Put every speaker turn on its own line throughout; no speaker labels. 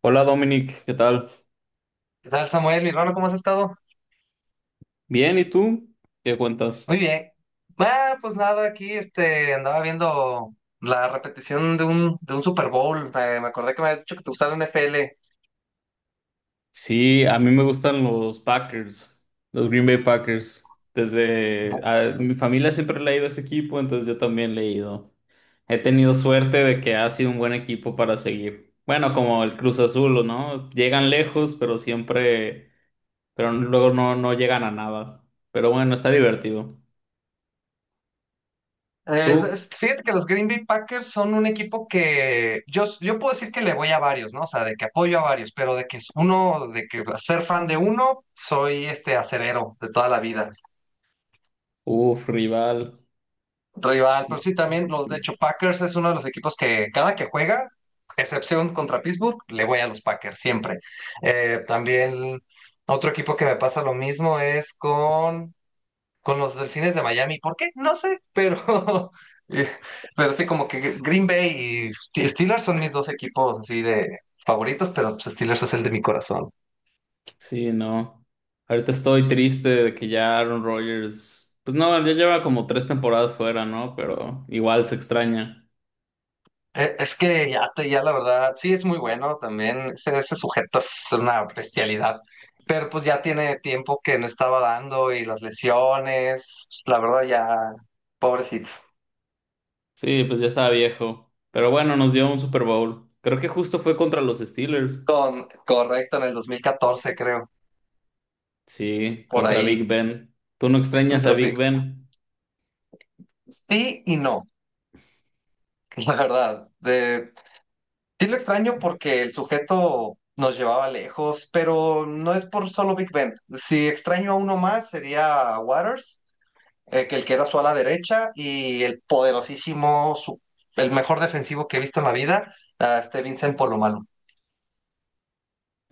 Hola Dominic, ¿qué tal?
¿Qué tal, Samuel? Mi hermano, ¿cómo has estado?
Bien, ¿y tú? ¿Qué
Muy
cuentas?
bien. Ah, pues nada, aquí este, Andaba viendo la repetición de un Super Bowl. Me acordé que me habías dicho que te gustaba la NFL.
Sí, a mí me gustan los Packers, los Green Bay Packers.
Bu-
Mi familia siempre le ha ido a ese equipo, entonces yo también le he ido. He tenido suerte de que ha sido un buen equipo para seguir. Bueno, como el Cruz Azul, ¿no? Llegan lejos, pero siempre, pero luego no, no llegan a nada. Pero bueno, está divertido. ¿Tú?
Fíjate que los Green Bay Packers son un equipo que yo puedo decir que le voy a varios, ¿no? O sea, de que apoyo a varios, pero de que es uno, de que ser fan de uno, soy acerero de toda la vida.
Uf, rival.
Rival, pues sí, también los, de hecho, Packers es uno de los equipos que cada que juega, excepción contra Pittsburgh, le voy a los Packers siempre. También otro equipo que me pasa lo mismo es con los Delfines de Miami. ¿Por qué? No sé, pero, eh, pero sí, como que Green Bay y Steelers son mis dos equipos así de favoritos, pero pues, Steelers es el de mi corazón.
Sí, no. Ahorita estoy triste de que ya Aaron Rodgers, pues no, ya lleva como 3 temporadas fuera, ¿no? Pero igual se extraña.
Es que ya, ya la verdad, sí es muy bueno también, ese sujeto es una bestialidad, pero pues ya tiene tiempo que no estaba dando y las lesiones, la verdad ya, pobrecito.
Sí, pues ya estaba viejo. Pero bueno, nos dio un Super Bowl. Creo que justo fue contra los Steelers.
Con, correcto, en el 2014 creo,
Sí,
por
contra Big
ahí.
Ben. ¿Tú no extrañas a
Contra Pi-
Big Ben?
Sí y no, la verdad. Sí lo extraño porque el sujeto nos llevaba lejos, pero no es por solo Big Ben. Si extraño a uno más sería a Waters, que el que era su ala derecha y el poderosísimo, el mejor defensivo que he visto en la vida, Vincent Polomalo.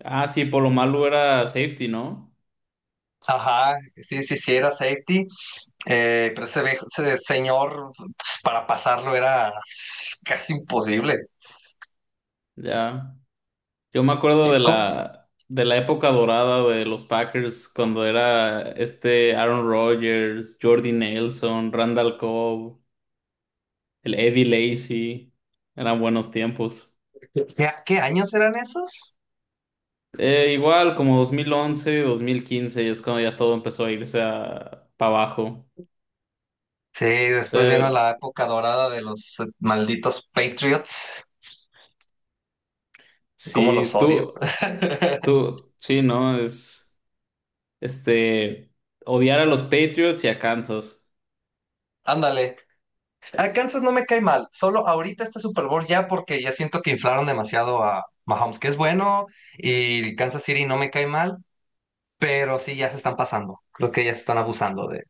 Ah, sí, por lo malo era safety, ¿no?
Ajá, sí, sí, sí, era safety, pero ese señor pues, para pasarlo era pues, casi imposible.
Ya. Yo me acuerdo de
¿Cómo?
la, de la época dorada de los Packers cuando era este Aaron Rodgers, Jordy Nelson, Randall Cobb. El Eddie Lacy, eran buenos tiempos.
¿Qué, qué años eran esos?
Igual como dos mil once 2015 es cuando ya todo empezó a irse para abajo.
Sí,
O
después
sea,
vino la época dorada de los malditos Patriots. ¿Cómo los
sí,
odio?
tú, tú, sí, ¿no? Este, Odiar a los Patriots y a Kansas.
Ándale. A Kansas no me cae mal, solo ahorita este Super Bowl ya porque ya siento que inflaron demasiado a Mahomes, que es bueno, y Kansas City no me cae mal, pero sí ya se están pasando. Creo que ya se están abusando de.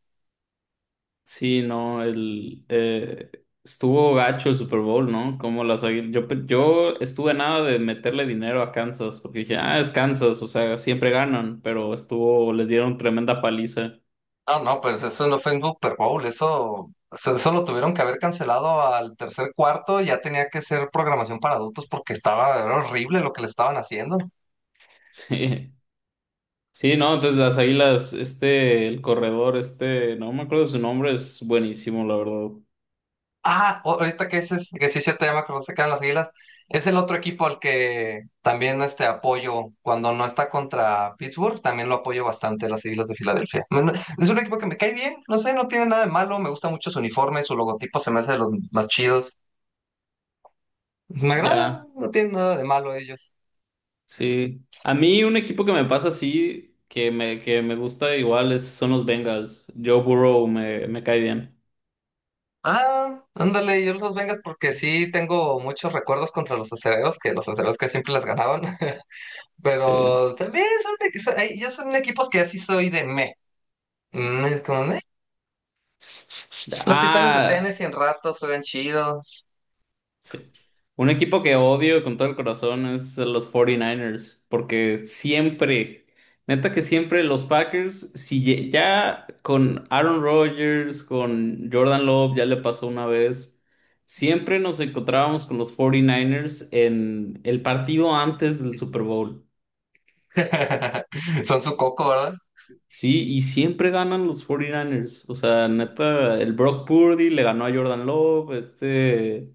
Sí, ¿no? Estuvo gacho el Super Bowl, ¿no? Como las, águil- yo, pe- yo estuve nada de meterle dinero a Kansas porque dije, ah, es Kansas, o sea, siempre ganan, pero estuvo, les dieron tremenda paliza.
No, no, pues eso no fue un Super Bowl, eso lo tuvieron que haber cancelado al tercer cuarto, ya tenía que ser programación para adultos porque estaba, era horrible lo que le estaban haciendo.
Sí, sí, no, entonces las águilas, este, el corredor, este, no me acuerdo de su nombre, es buenísimo, la verdad.
Ahorita que ese es, que sí se te llama cuando se quedan las Águilas, es el otro equipo al que también apoyo cuando no está contra Pittsburgh, también lo apoyo bastante, las Águilas de Filadelfia. Es un equipo que me cae bien, no sé, no tiene nada de malo, me gusta mucho su uniforme, su logotipo se me hace de los más chidos. Me agradan,
Ya,
no tienen nada de malo ellos.
sí. A mí un equipo que me pasa así, que me gusta igual, son los Bengals. Joe Burrow me cae bien.
Ah, ándale, yo los Vengas porque sí tengo muchos recuerdos contra los acereros que siempre las ganaban,
Sí.
pero también son, ellos son equipos que así soy de meh. Mm, es como, "Meh". Los Titanes de
Ah,
Tennessee en ratos juegan chido.
sí. Un equipo que odio con todo el corazón es los 49 Niners porque siempre, neta que siempre los Packers, si ye- ya con Aaron Rodgers, con Jordan Love, ya le pasó una vez, siempre nos encontrábamos con los 49 Niners en el partido antes del Super Bowl.
Son su coco, ¿verdad?
Sí, y siempre ganan los 49 Niners. O sea, neta, el Brock Purdy le ganó a Jordan Love. este...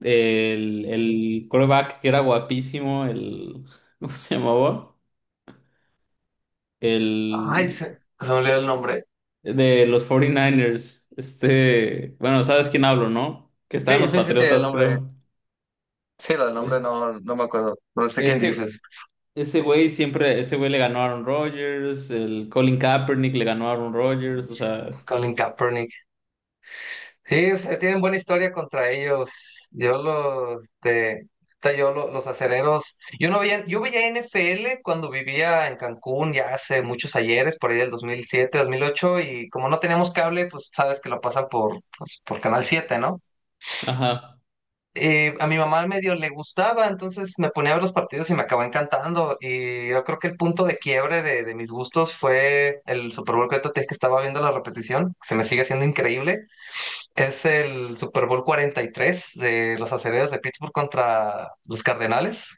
El, el quarterback que era guapísimo, el, ¿cómo se llamaba?
Ay,
El
se me olvidó el nombre.
de los 49ers. Este, bueno, sabes quién hablo, ¿no? Que estaba en
Sí,
los
sí, sí, sí, el
Patriotas,
nombre.
creo.
Sí, el nombre
Es,
no, no me acuerdo. No sé quién
ese,
dices.
ese güey siempre, ese güey le ganó a Aaron Rodgers, el Colin Kaepernick le ganó a Aaron Rodgers, o sea,
Colin Kaepernick. Sí, o sea, tienen buena historia contra ellos. Yo los, de, yo lo- Los acereros. Yo no veía, Yo veía NFL cuando vivía en Cancún ya hace muchos ayeres, por ahí del dos mil siete, dos mil ocho, y como no teníamos cable, pues sabes que lo pasan por, pues, por Canal 7, ¿no?
ajá.
A mi mamá medio le gustaba, entonces me ponía a ver los partidos y me acabó encantando. Y yo creo que el punto de quiebre de mis gustos fue el Super Bowl que ahorita te dije que estaba viendo la repetición, que se me sigue haciendo increíble. Es el Super Bowl 43 de los Acereros de Pittsburgh contra los Cardenales.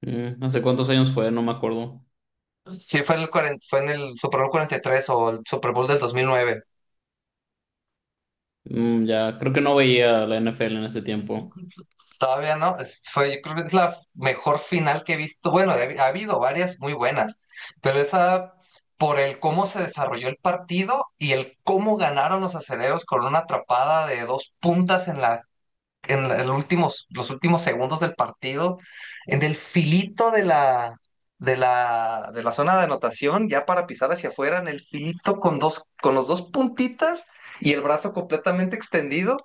Mm, no sé cuántos años fue, no me acuerdo.
Sí, fue en el, fue en el Super Bowl 43 o el Super Bowl del 2009.
Mm, ya, creo que no veía la NFL en ese tiempo.
Todavía no, fue, yo creo que es la mejor final que he visto. Bueno, ha habido varias muy buenas, pero esa por el cómo se desarrolló el partido y el cómo ganaron los acereros con una atrapada de dos puntas en el últimos, los últimos segundos del partido, en el filito de de la zona de anotación, ya para pisar hacia afuera, en el filito con dos, con los dos puntitas y el brazo completamente extendido.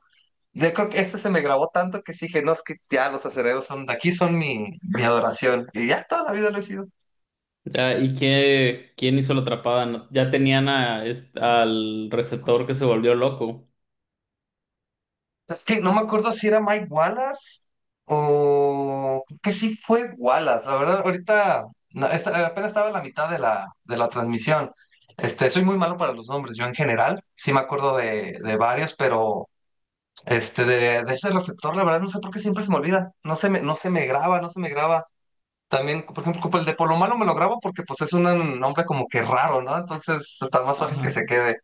Yo creo que este se me grabó tanto que sí dije, no, es que ya los acereros son, de aquí son mi adoración. Y ya toda la vida lo he sido.
Ya, ¿y quién hizo la atrapada? No, ya tenían al receptor que se volvió loco.
Es que no me acuerdo si era Mike Wallace o creo que sí fue Wallace. La verdad, ahorita no, apenas estaba a la mitad de la transmisión. Este, soy muy malo para los nombres, yo en general. Sí me acuerdo de varios, pero de ese receptor, la verdad, no sé por qué siempre se me olvida. No se me graba, no se me graba. También, por ejemplo, como el de Polo malo me lo grabo porque pues es un nombre como que raro, ¿no? Entonces está más fácil que se
Ajá.
quede.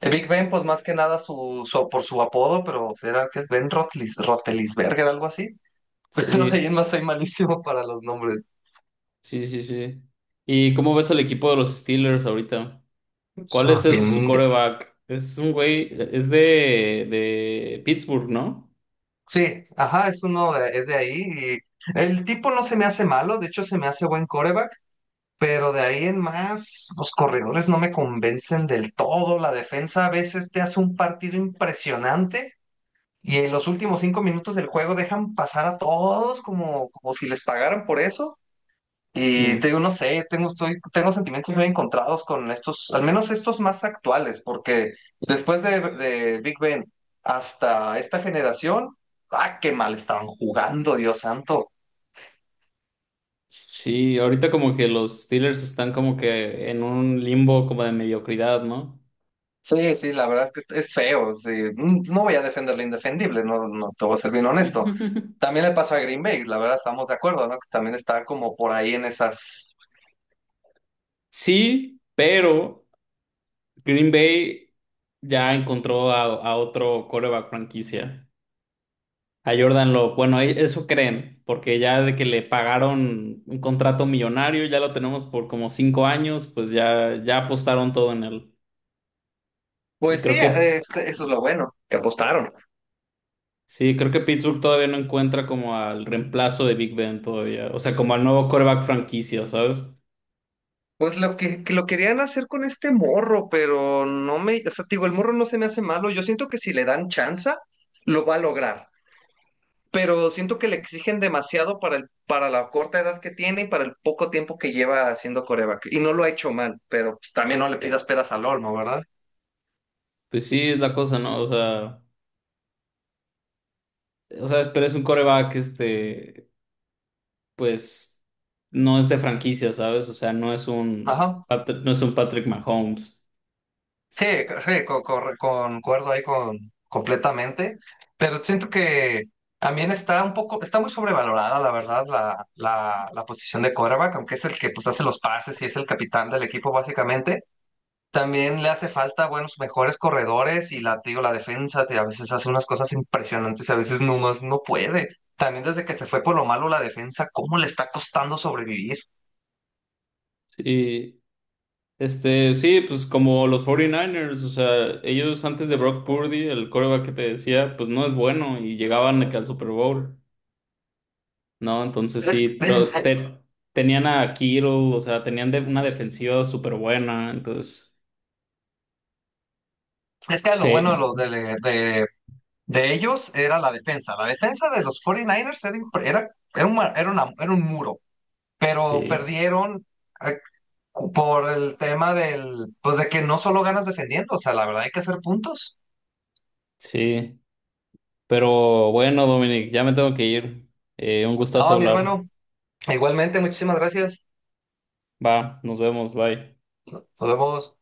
El Big Ben, pues más que nada por su apodo, pero será que es Ben Rotlis, Rotelisberger, algo así. Pues no sé, yo
Sí,
más soy malísimo para los nombres.
sí, sí, sí. ¿Y cómo ves al equipo de los Steelers ahorita? ¿Cuál es
Ah,
su
Bien, de-
quarterback? Es un güey, es de Pittsburgh, ¿no?
sí, ajá, es uno de, es de ahí y el tipo no se me hace malo, de hecho se me hace buen coreback, pero de ahí en más los corredores no me convencen del todo, la defensa a veces te hace un partido impresionante. Y en los últimos cinco minutos del juego dejan pasar a todos como, como si les pagaran por eso. Y te
Mm.
digo, no sé, tengo sentimientos muy encontrados con estos, al menos estos más actuales, porque después de Big Ben hasta esta generación, ah, qué mal estaban jugando, Dios santo.
Sí, ahorita como que los Steelers están como que en un limbo como de mediocridad, ¿no?
Sí, sí, la verdad es que es feo. Sí. Mm, no voy a defender lo indefendible, no, no te voy a ser bien honesto. También le pasó a Green Bay, la verdad estamos de acuerdo, ¿no? Que también está como por ahí en esas.
Sí, pero Green Bay ya encontró a otro quarterback franquicia. A Jordan Love. Bueno, eso creen, porque ya de que le pagaron un contrato millonario, ya lo tenemos por como 5 años, pues ya, ya apostaron todo en él. Y
Pues sí,
creo que,
eso es lo bueno, que apostaron.
sí, creo que Pittsburgh todavía no encuentra como al reemplazo de Big Ben todavía. O sea, como al nuevo quarterback franquicia, ¿sabes?
Pues que lo querían hacer con este morro, pero no me, o sea, te digo, el morro no se me hace malo. Yo siento que si le dan chance, lo va a lograr. Pero siento que le exigen demasiado para para la corta edad que tiene y para el poco tiempo que lleva haciendo coreback. Y no lo ha hecho mal, pero pues, también no le pidas peras al olmo, ¿verdad?
Pues sí, es la cosa, ¿no? O sea, pero es un quarterback. Pues no es de franquicia, ¿sabes? O sea, no es un
Ajá.
Patr- no es un Patrick Mahomes.
Sí, sí, concuerdo ahí con completamente, pero siento que también está un poco, está muy sobrevalorada, la verdad, la posición de quarterback, aunque es el que pues hace los pases y es el capitán del equipo básicamente. También le hace falta buenos, mejores corredores y la, te digo, la defensa, a veces hace unas cosas impresionantes y a veces nomás no puede. También desde que se fue por lo malo la defensa, ¿cómo le está costando sobrevivir?
Y sí, pues como los 49 Niners, o sea, ellos antes de Brock Purdy, el quarterback que te decía, pues no es bueno y llegaban de que al Super Bowl, ¿no? Entonces
Es,
sí, pero tenían a Kittle, o sea, tenían una defensiva súper buena, entonces
es que lo bueno de,
sí,
lo, de ellos era la defensa. La defensa de los 49 Niners era, impre- era, era, un, ma- era, una- era un muro, pero
sí,
perdieron eh, por el tema del, pues de que no solo ganas defendiendo, o sea, la verdad hay que hacer puntos.
sí. Pero bueno, Dominic, ya me tengo que ir. Un gustazo
Ah, mi
hablar.
hermano, igualmente, muchísimas gracias.
Va, nos vemos, bye.
Nos vemos.